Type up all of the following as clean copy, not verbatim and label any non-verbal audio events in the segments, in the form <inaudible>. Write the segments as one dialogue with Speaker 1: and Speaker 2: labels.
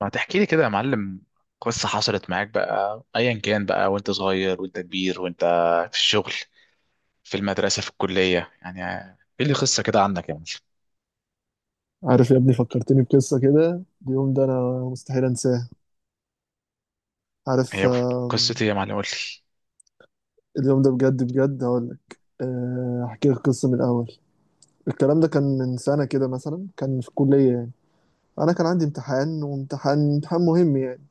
Speaker 1: ما تحكي لي كده يا معلم، قصة حصلت معاك بقى أيا كان بقى. وأنت صغير وأنت كبير وأنت في الشغل، في المدرسة، في الكلية، يعني إيه اللي قصة كده عنك يا معلم؟
Speaker 2: عارف يا ابني، فكرتني بقصة كده، اليوم ده أنا مستحيل أنساه. عارف؟
Speaker 1: هي قصة إيه يا معلم؟ قول لي.
Speaker 2: اليوم ده بجد بجد هقولك، أحكي لك قصة من الأول. الكلام ده كان من سنة كده مثلا، كان في الكلية يعني. أنا كان عندي امتحان، وامتحان مهم يعني.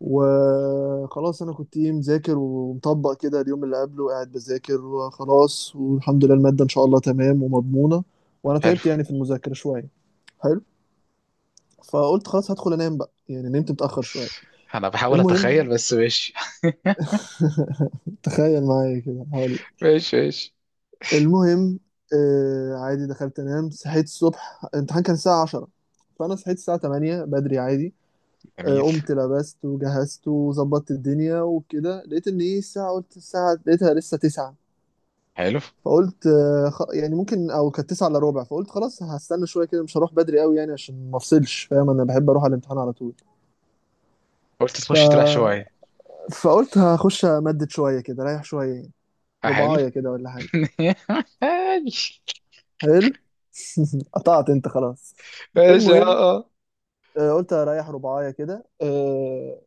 Speaker 2: وخلاص أنا كنت إيه مذاكر ومطبق كده، اليوم اللي قبله قاعد بذاكر وخلاص، والحمد لله المادة إن شاء الله تمام ومضمونة. وأنا
Speaker 1: حلو.
Speaker 2: تعبت يعني في المذاكرة شوية. حلو. فقلت خلاص هدخل انام بقى، يعني نمت متأخر شوية.
Speaker 1: أنا بحاول أتخيل
Speaker 2: المهم،
Speaker 1: بس ماشي.
Speaker 2: <laughs> تخيل معايا كده هقول
Speaker 1: <laughs>
Speaker 2: لك.
Speaker 1: ماشي ماشي.
Speaker 2: المهم، آه عادي دخلت انام، صحيت الصبح، الامتحان كان الساعة 10، فانا صحيت الساعة 8 بدري عادي. آه،
Speaker 1: جميل.
Speaker 2: قمت لبست وجهزت وظبطت الدنيا وكده، لقيت ان ايه الساعة، قلت الساعة، لقيتها لسه 9.
Speaker 1: حلو.
Speaker 2: فقلت يعني ممكن، او كانت 9 الا ربع. فقلت خلاص هستنى شوية كده، مش هروح بدري قوي يعني عشان ما افصلش، فاهم؟ انا بحب اروح على الامتحان على طول.
Speaker 1: قلت
Speaker 2: ف...
Speaker 1: تخش تريح شوية.
Speaker 2: فقلت هخش امدد شوية كده، رايح شوية يعني،
Speaker 1: حلو.
Speaker 2: رباعية كده ولا حاجة.
Speaker 1: <laughs> ماشي
Speaker 2: حلو. <laughs> قطعت انت خلاص.
Speaker 1: ماشي. اه.
Speaker 2: المهم،
Speaker 1: آه.
Speaker 2: قلت اريح رباعية كده،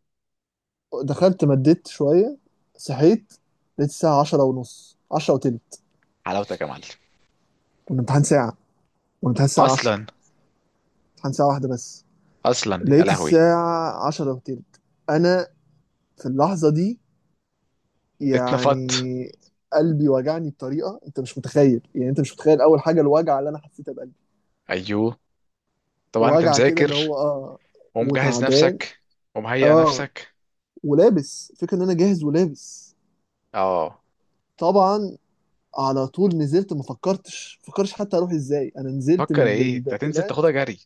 Speaker 2: دخلت مديت شوية، صحيت، لقيت الساعة عشرة ونص، عشرة وتلت.
Speaker 1: حلاوتك يا معلم.
Speaker 2: والامتحان ساعة، والامتحان الساعة عشرة،
Speaker 1: أصلا.
Speaker 2: امتحان ساعة واحدة بس.
Speaker 1: أصلا يا
Speaker 2: لقيت
Speaker 1: لهوي.
Speaker 2: الساعة عشرة وتلت. أنا في اللحظة دي
Speaker 1: اتنفضت.
Speaker 2: يعني قلبي وجعني بطريقة أنت مش متخيل يعني. أنت مش متخيل أول حاجة الوجع اللي أنا حسيتها بقلبي،
Speaker 1: أيوه طبعا أنت
Speaker 2: وجع كده اللي هو
Speaker 1: مذاكر ومجهز
Speaker 2: وتعبان.
Speaker 1: نفسك ومهيئ
Speaker 2: اه،
Speaker 1: نفسك.
Speaker 2: ولابس، فكرة ان انا جاهز ولابس.
Speaker 1: اه.
Speaker 2: طبعا على طول نزلت، ما فكرتش حتى اروح ازاي، انا نزلت من
Speaker 1: فكر ايه انت، هتنزل
Speaker 2: البقتلات.
Speaker 1: تاخدها جري؟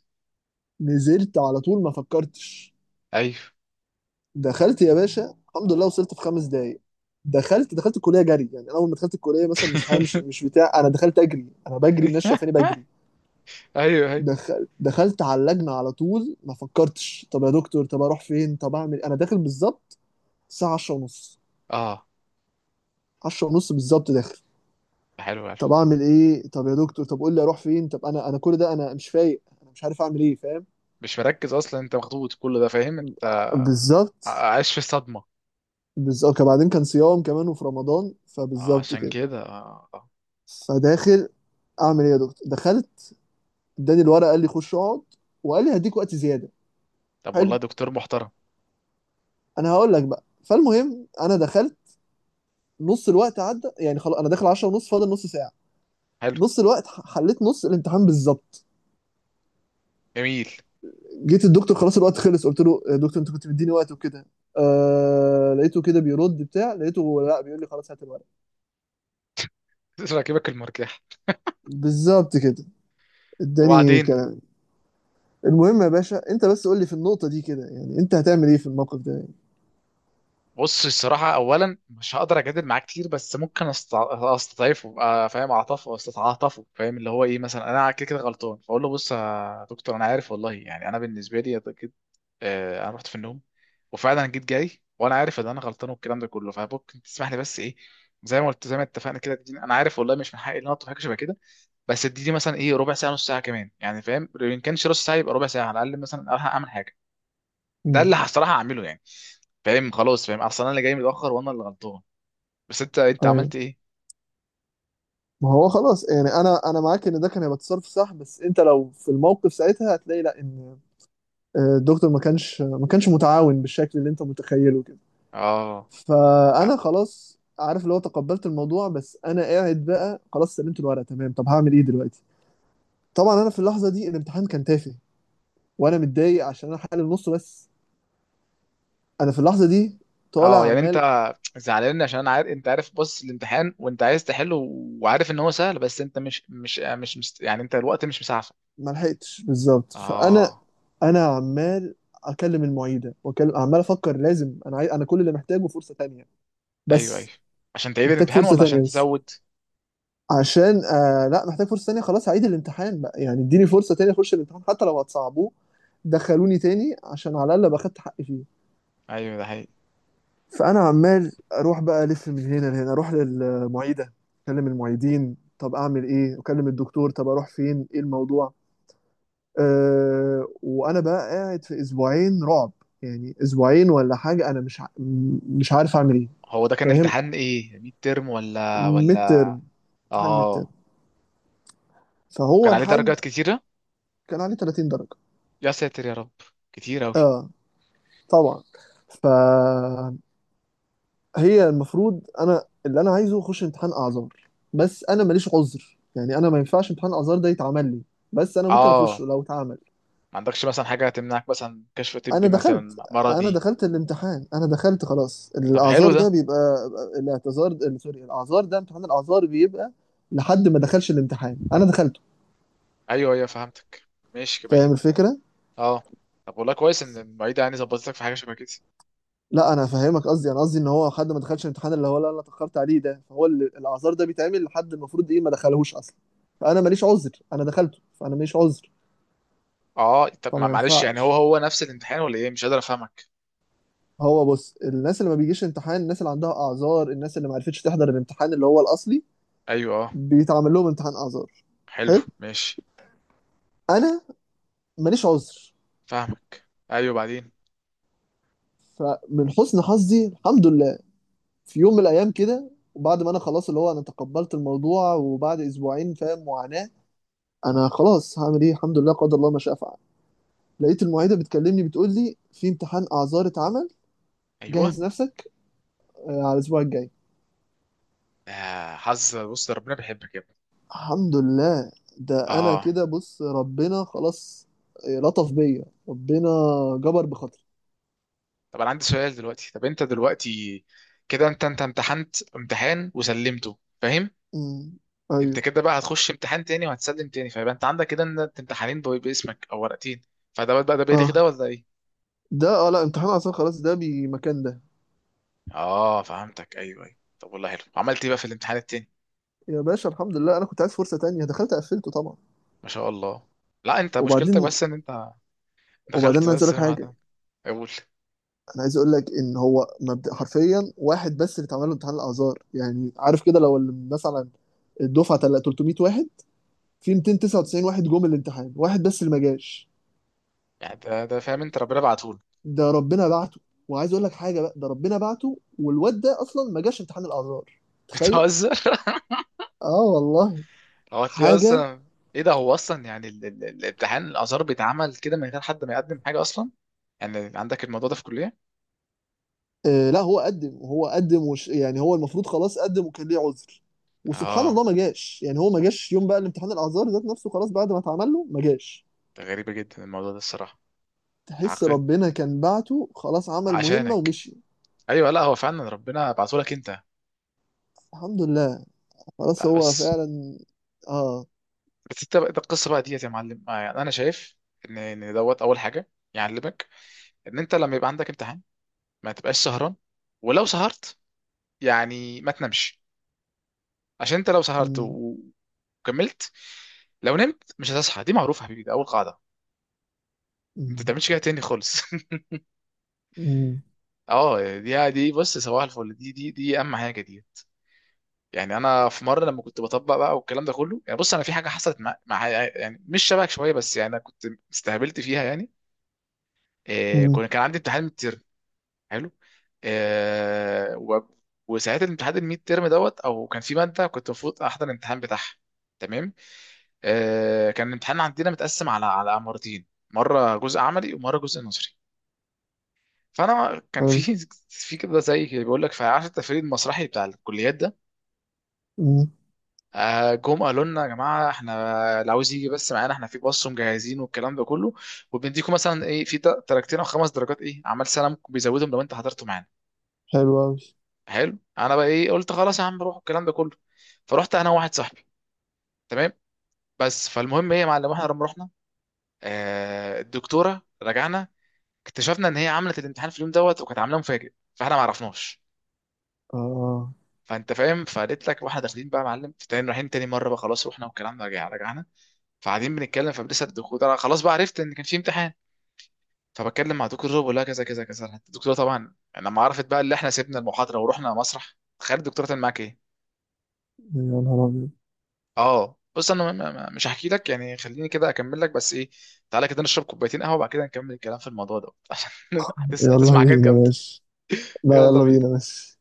Speaker 2: نزلت على طول ما فكرتش.
Speaker 1: ايوه.
Speaker 2: دخلت يا باشا، الحمد لله وصلت في خمس دقايق. دخلت الكليه جري، يعني اول ما دخلت الكليه مثلا مش همشي
Speaker 1: <laughs>
Speaker 2: مش بتاع، انا دخلت اجري، انا بجري، الناس شايفاني بجري.
Speaker 1: ايوه ايوه.
Speaker 2: دخلت على اللجنه على طول، ما فكرتش طب يا دكتور طب اروح فين طب اعمل إيه؟ انا داخل بالظبط الساعه 10 ونص،
Speaker 1: اه.
Speaker 2: 10 ونص بالظبط داخل.
Speaker 1: ده حلو الف.
Speaker 2: طب اعمل ايه، طب يا دكتور، طب قول لي اروح فين، طب انا كل ده انا مش فايق، انا مش عارف اعمل ايه، فاهم؟
Speaker 1: مش مركز اصلا، انت مخطوط كل ده فاهم انت،
Speaker 2: بالظبط
Speaker 1: عايش في الصدمه.
Speaker 2: بالظبط بعدين كان صيام كمان وفي رمضان،
Speaker 1: اه
Speaker 2: فبالظبط
Speaker 1: عشان
Speaker 2: كده.
Speaker 1: كده.
Speaker 2: فداخل، اعمل ايه يا دكتور؟ دخلت، اداني الورقه، قال لي خش اقعد، وقال لي هديك وقت زياده.
Speaker 1: طب
Speaker 2: حلو.
Speaker 1: والله دكتور محترم.
Speaker 2: انا هقول لك بقى، فالمهم انا دخلت، نص الوقت عدى يعني، خلاص انا داخل 10 ونص، فاضل نص ساعه.
Speaker 1: حلو.
Speaker 2: نص الوقت حليت نص الامتحان بالظبط.
Speaker 1: جميل.
Speaker 2: جيت الدكتور خلاص الوقت خلص، قلت له يا دكتور انت كنت مديني وقت وكده، لقيته كده بيرد بتاع، لقيته لا بيقول لي خلاص هات الورق.
Speaker 1: <laughs> راكبك المرجح.
Speaker 2: بالظبط كده. اداني
Speaker 1: وبعدين؟
Speaker 2: كلام. المهم يا باشا، انت بس قول لي في النقطة دي كده يعني، انت هتعمل ايه في الموقف ده يعني؟
Speaker 1: بص الصراحة، أولا مش هقدر أجادل معاه كتير، بس ممكن أستضعفه. أبقى فاهم أعطفه، أستعطفه، فاهم اللي هو إيه؟ مثلا أنا كده كده غلطان، فأقول له بص يا دكتور، أنا عارف والله، يعني أنا بالنسبة لي أكيد، أنا رحت في النوم وفعلا جيت جاي وأنا عارف إن أنا غلطان والكلام ده كله. فممكن تسمح لي بس، إيه زي ما قلت زي ما اتفقنا كده، تديني. أنا عارف والله مش من حقي إن أنا أطلب حاجة شبه كده، بس اديني مثلا إيه، ربع ساعة، نص ساعة كمان، يعني فاهم؟ إن كانش نص ساعة يبقى ربع ساعة على الأقل، مثلا أروح أعمل حاجة. ده
Speaker 2: امم.
Speaker 1: اللي هصراحه هعمله يعني، فاهم؟ خلاص، فاهم اصلا انا اللي جاي متاخر وانا اللي غلطان. بس انت
Speaker 2: ايوه.
Speaker 1: عملت ايه؟
Speaker 2: ما هو خلاص يعني، انا معاك ان ده كان هيبقى تصرف صح، بس انت لو في الموقف ساعتها هتلاقي لا، ان الدكتور ما كانش متعاون بالشكل اللي انت متخيله كده.
Speaker 1: اه.
Speaker 2: فانا خلاص، عارف اللي هو، تقبلت الموضوع، بس انا قاعد بقى خلاص، سلمت الورقه تمام، طب هعمل ايه دلوقتي؟ طبعا انا في اللحظه دي الامتحان كان تافه، وانا متضايق عشان انا حالل النص بس. انا في اللحظه دي
Speaker 1: اه
Speaker 2: طالع
Speaker 1: يعني انت
Speaker 2: عمال،
Speaker 1: زعلان، عشان انا عارف، انت عارف بص الامتحان وانت عايز تحله وعارف ان هو سهل، بس انت مش يعني انت الوقت مش مسعفك.
Speaker 2: ما لحقتش بالظبط. فانا
Speaker 1: اه.
Speaker 2: انا عمال اكلم المعيده، واكلم، عمال افكر لازم، انا عايز، انا كل اللي محتاجه فرصه تانية
Speaker 1: ايوه ايوه.
Speaker 2: بس.
Speaker 1: عشان تعيد
Speaker 2: محتاج
Speaker 1: الامتحان
Speaker 2: فرصه
Speaker 1: ولا
Speaker 2: تانية
Speaker 1: عشان
Speaker 2: بس
Speaker 1: تزود؟
Speaker 2: عشان لا، محتاج فرصة تانية، خلاص هعيد الامتحان بقى يعني، اديني فرصة تانية اخش الامتحان حتى لو هتصعبوه، دخلوني تاني عشان على الاقل باخدت حقي فيه.
Speaker 1: ايوه ده حقيقي.
Speaker 2: فانا عمال اروح بقى الف من هنا لهنا، اروح للمعيدة، اكلم المعيدين طب اعمل ايه، اكلم الدكتور طب اروح فين، ايه الموضوع. أه، وانا بقى قاعد في اسبوعين رعب، يعني اسبوعين ولا حاجة، انا مش ع... م- مش عارف اعمل ايه،
Speaker 1: هو ده كان
Speaker 2: فاهم؟
Speaker 1: امتحان ايه؟ ميد ترم ولا
Speaker 2: ميد
Speaker 1: ولا
Speaker 2: ترم، امتحان ميد ترم،
Speaker 1: اه.
Speaker 2: فهو
Speaker 1: كان عليه
Speaker 2: الحل.
Speaker 1: درجات كتيره؟
Speaker 2: كان عليه 30 درجة.
Speaker 1: يا ساتر يا رب، كتير اوي.
Speaker 2: اه، طبعا. فهي المفروض، انا اللي انا عايزه اخش امتحان اعذار، بس انا ماليش عذر يعني، انا ما ينفعش امتحان اعذار ده يتعمل لي، بس انا ممكن
Speaker 1: اه.
Speaker 2: اخشه لو اتعمل.
Speaker 1: ما عندكش مثلا حاجة هتمنعك، مثلا كشف
Speaker 2: انا
Speaker 1: طبي، مثلا
Speaker 2: دخلت، انا
Speaker 1: مرضي؟
Speaker 2: دخلت الامتحان، انا دخلت خلاص،
Speaker 1: طب حلو
Speaker 2: الاعذار ده
Speaker 1: ده.
Speaker 2: بيبقى، الاعتذار، سوري، الاعذار ده، امتحان الاعذار بيبقى لحد ما دخلش الامتحان، انا دخلته.
Speaker 1: ايوه ايوه فهمتك. ماشي،
Speaker 2: فاهم
Speaker 1: بعيد.
Speaker 2: الفكرة؟
Speaker 1: اه. طب والله كويس ان المعيدة يعني ظبطتك في حاجة شبه كده.
Speaker 2: لا انا فاهمك، قصدي انا قصدي ان هو حد ما دخلش الامتحان اللي هو، لا انا اتاخرت عليه ده، فهو اللي الاعذار ده بيتعمل لحد المفروض ايه، ما دخلهوش اصلا، فانا ماليش عذر، انا دخلته فانا ماليش عذر.
Speaker 1: اه طب
Speaker 2: فما
Speaker 1: معلش، يعني هو
Speaker 2: ينفعش.
Speaker 1: هو نفس الامتحان ولا ايه؟ مش قادر افهمك.
Speaker 2: هو بص، الناس اللي ما بيجيش امتحان، الناس اللي عندها اعذار، الناس اللي ما عرفتش تحضر الامتحان اللي هو الاصلي،
Speaker 1: ايوه. اه.
Speaker 2: بيتعمل لهم امتحان اعذار.
Speaker 1: حلو.
Speaker 2: حلو.
Speaker 1: ماشي.
Speaker 2: انا ماليش عذر.
Speaker 1: فاهمك، ايوه بعدين.
Speaker 2: فمن حسن حظي الحمد لله، في يوم من الايام كده، وبعد ما انا خلاص اللي هو انا تقبلت الموضوع، وبعد اسبوعين فاهم معاناة، انا خلاص هعمل ايه، الحمد لله، قدر الله ما شاء فعل، لقيت المعيده بتكلمني بتقول لي في امتحان اعذار اتعمل،
Speaker 1: ايوه.
Speaker 2: جهز نفسك على الاسبوع الجاي.
Speaker 1: آه حظ، بص ده ربنا بيحبك يا ابني.
Speaker 2: الحمد لله. ده انا
Speaker 1: اه.
Speaker 2: كده بص ربنا خلاص، لطف بيا ربنا، جبر بخاطري.
Speaker 1: طب انا عندي سؤال دلوقتي، طب انت دلوقتي كده انت امتحنت امتحان وسلمته، فاهم؟
Speaker 2: امم.
Speaker 1: انت
Speaker 2: ايوه.
Speaker 1: كده بقى هتخش امتحان تاني وهتسلم تاني، فيبقى انت عندك كده ان انت امتحانين باسمك او ورقتين. فده بقى ده بيلغي ده
Speaker 2: اه.
Speaker 1: ولا ايه؟
Speaker 2: ده اه لا، امتحان اعذار خلاص، ده بمكان ده.
Speaker 1: اه فهمتك ايوه ايوه. طب والله حلو، عملت ايه بقى في الامتحان التاني؟
Speaker 2: يا باشا الحمد لله، انا كنت عايز فرصه تانية، دخلت قفلته طبعا.
Speaker 1: ما شاء الله. لا انت مشكلتك
Speaker 2: وبعدين،
Speaker 1: بس ان انت دخلت
Speaker 2: انا عايز
Speaker 1: بس
Speaker 2: اقول لك حاجه.
Speaker 1: معاك. اقول.
Speaker 2: انا عايز اقول لك ان هو مبدأ حرفيا، واحد بس اللي اتعمل له امتحان الاعذار يعني، عارف كده، لو مثلا الدفعه 300 واحد، في 299 واحد جم الامتحان، واحد بس اللي ما جاش.
Speaker 1: يعني ده ده فاهم؟ انت ربنا بعتهولك.
Speaker 2: ده ربنا بعته. وعايز اقول لك حاجه بقى، ده ربنا بعته، والواد ده اصلا ما جاش امتحان الاعذار.
Speaker 1: <laughs>
Speaker 2: تخيل.
Speaker 1: بتهزر؟
Speaker 2: اه والله.
Speaker 1: هو هتلاقيه
Speaker 2: حاجه.
Speaker 1: اصلا؟ ايه ده؟ هو اصلا يعني الامتحان الازهر بيتعمل كده من غير حد ما يقدم حاجه اصلا؟ يعني عندك الموضوع ده في الكليه؟
Speaker 2: لا هو قدم، وهو قدم وش يعني، هو المفروض خلاص قدم وكان ليه عذر، وسبحان
Speaker 1: اه.
Speaker 2: الله ما جاش، يعني هو ما جاش يوم بقى الامتحان الاعذار ذات نفسه، خلاص بعد ما اتعمل له ما جاش.
Speaker 1: ده غريبه جدا الموضوع ده الصراحه.
Speaker 2: تحس
Speaker 1: عقدت
Speaker 2: ربنا كان بعته خلاص، عمل مهمة
Speaker 1: عشانك.
Speaker 2: ومشي.
Speaker 1: ايوه لا هو فعلا ربنا بعته لك انت.
Speaker 2: الحمد لله. خلاص
Speaker 1: لا
Speaker 2: هو
Speaker 1: بس،
Speaker 2: فعلا. اه.
Speaker 1: بس انت بقى، ده القصه بقى ديت يا معلم. يعني انا شايف ان ان دوت اول حاجه يعلمك ان انت لما يبقى عندك امتحان ما تبقاش سهران. ولو سهرت يعني ما تنامش، عشان انت لو سهرت
Speaker 2: مم.
Speaker 1: وكملت، لو نمت مش هتصحى. دي معروفه يا حبيبي، ده اول قاعده. انت ما
Speaker 2: مم.
Speaker 1: تعملش كده تاني خالص. <laughs>
Speaker 2: مم.
Speaker 1: اه دي دي، بص صباح الفل، دي دي دي اهم حاجه دي. يعني انا في مره لما كنت بطبق بقى والكلام ده كله، يعني بص، انا في حاجه حصلت مع، يعني مش شبهك شويه بس، يعني انا كنت استهبلت فيها يعني. إيه،
Speaker 2: مم.
Speaker 1: كنت كان عندي امتحان ميد ترم. حلو. إيه وساعتها الامتحان الميد ترم دوت، او كان في ماده كنت المفروض احضر الامتحان بتاعها، تمام؟ إيه، كان الامتحان عندنا متقسم على مرتين، مره جزء عملي ومره جزء نظري. فانا كان في
Speaker 2: حلو.
Speaker 1: <laughs> في كده زي بيقول لك، فعارف التفريد المسرحي بتاع الكليات ده؟
Speaker 2: مم.
Speaker 1: جم قالوا لنا يا جماعه احنا، اللي عاوز يجي بس معانا، احنا في باص مجهزين والكلام ده كله، وبنديكم مثلا ايه في درجتين او خمس درجات، ايه عمل سنه ممكن بيزودهم، لو انت حضرته معانا.
Speaker 2: حلو أوي.
Speaker 1: حلو. انا بقى ايه، قلت خلاص يا عم روح الكلام ده كله، فرحت انا وواحد صاحبي، تمام. بس فالمهم ايه يا معلم، احنا لما رحنا، آه، الدكتوره، رجعنا اكتشفنا ان هي عملت الامتحان في اليوم دوت، وكانت عاملاه مفاجئ فاحنا ما عرفناش.
Speaker 2: اه.
Speaker 1: فانت فاهم، فقالت لك واحنا داخلين بقى يا معلم في تاني، رايحين تاني مره بقى، خلاص رحنا والكلام ده، رجعنا فقاعدين بنتكلم، فلسه الدكتور، انا خلاص بقى عرفت ان كان في امتحان، فبتكلم مع دكتور بقول لها كذا كذا كذا. الدكتوره طبعا لما عرفت بقى اللي احنا سيبنا المحاضره ورحنا مسرح، تخيل الدكتوره كان معاك ايه؟
Speaker 2: يا نهار أبيض.
Speaker 1: اه بص انا، مش هحكي لك يعني، خليني كده اكمل لك بس ايه، تعالى كده نشرب كوبايتين قهوه، وبعد كده نكمل الكلام في الموضوع ده <laughs> عشان
Speaker 2: يلا
Speaker 1: هتسمع حاجات
Speaker 2: بينا
Speaker 1: جامده.
Speaker 2: ماشي. لا
Speaker 1: يلا
Speaker 2: يلا
Speaker 1: بينا.
Speaker 2: بينا ماشي.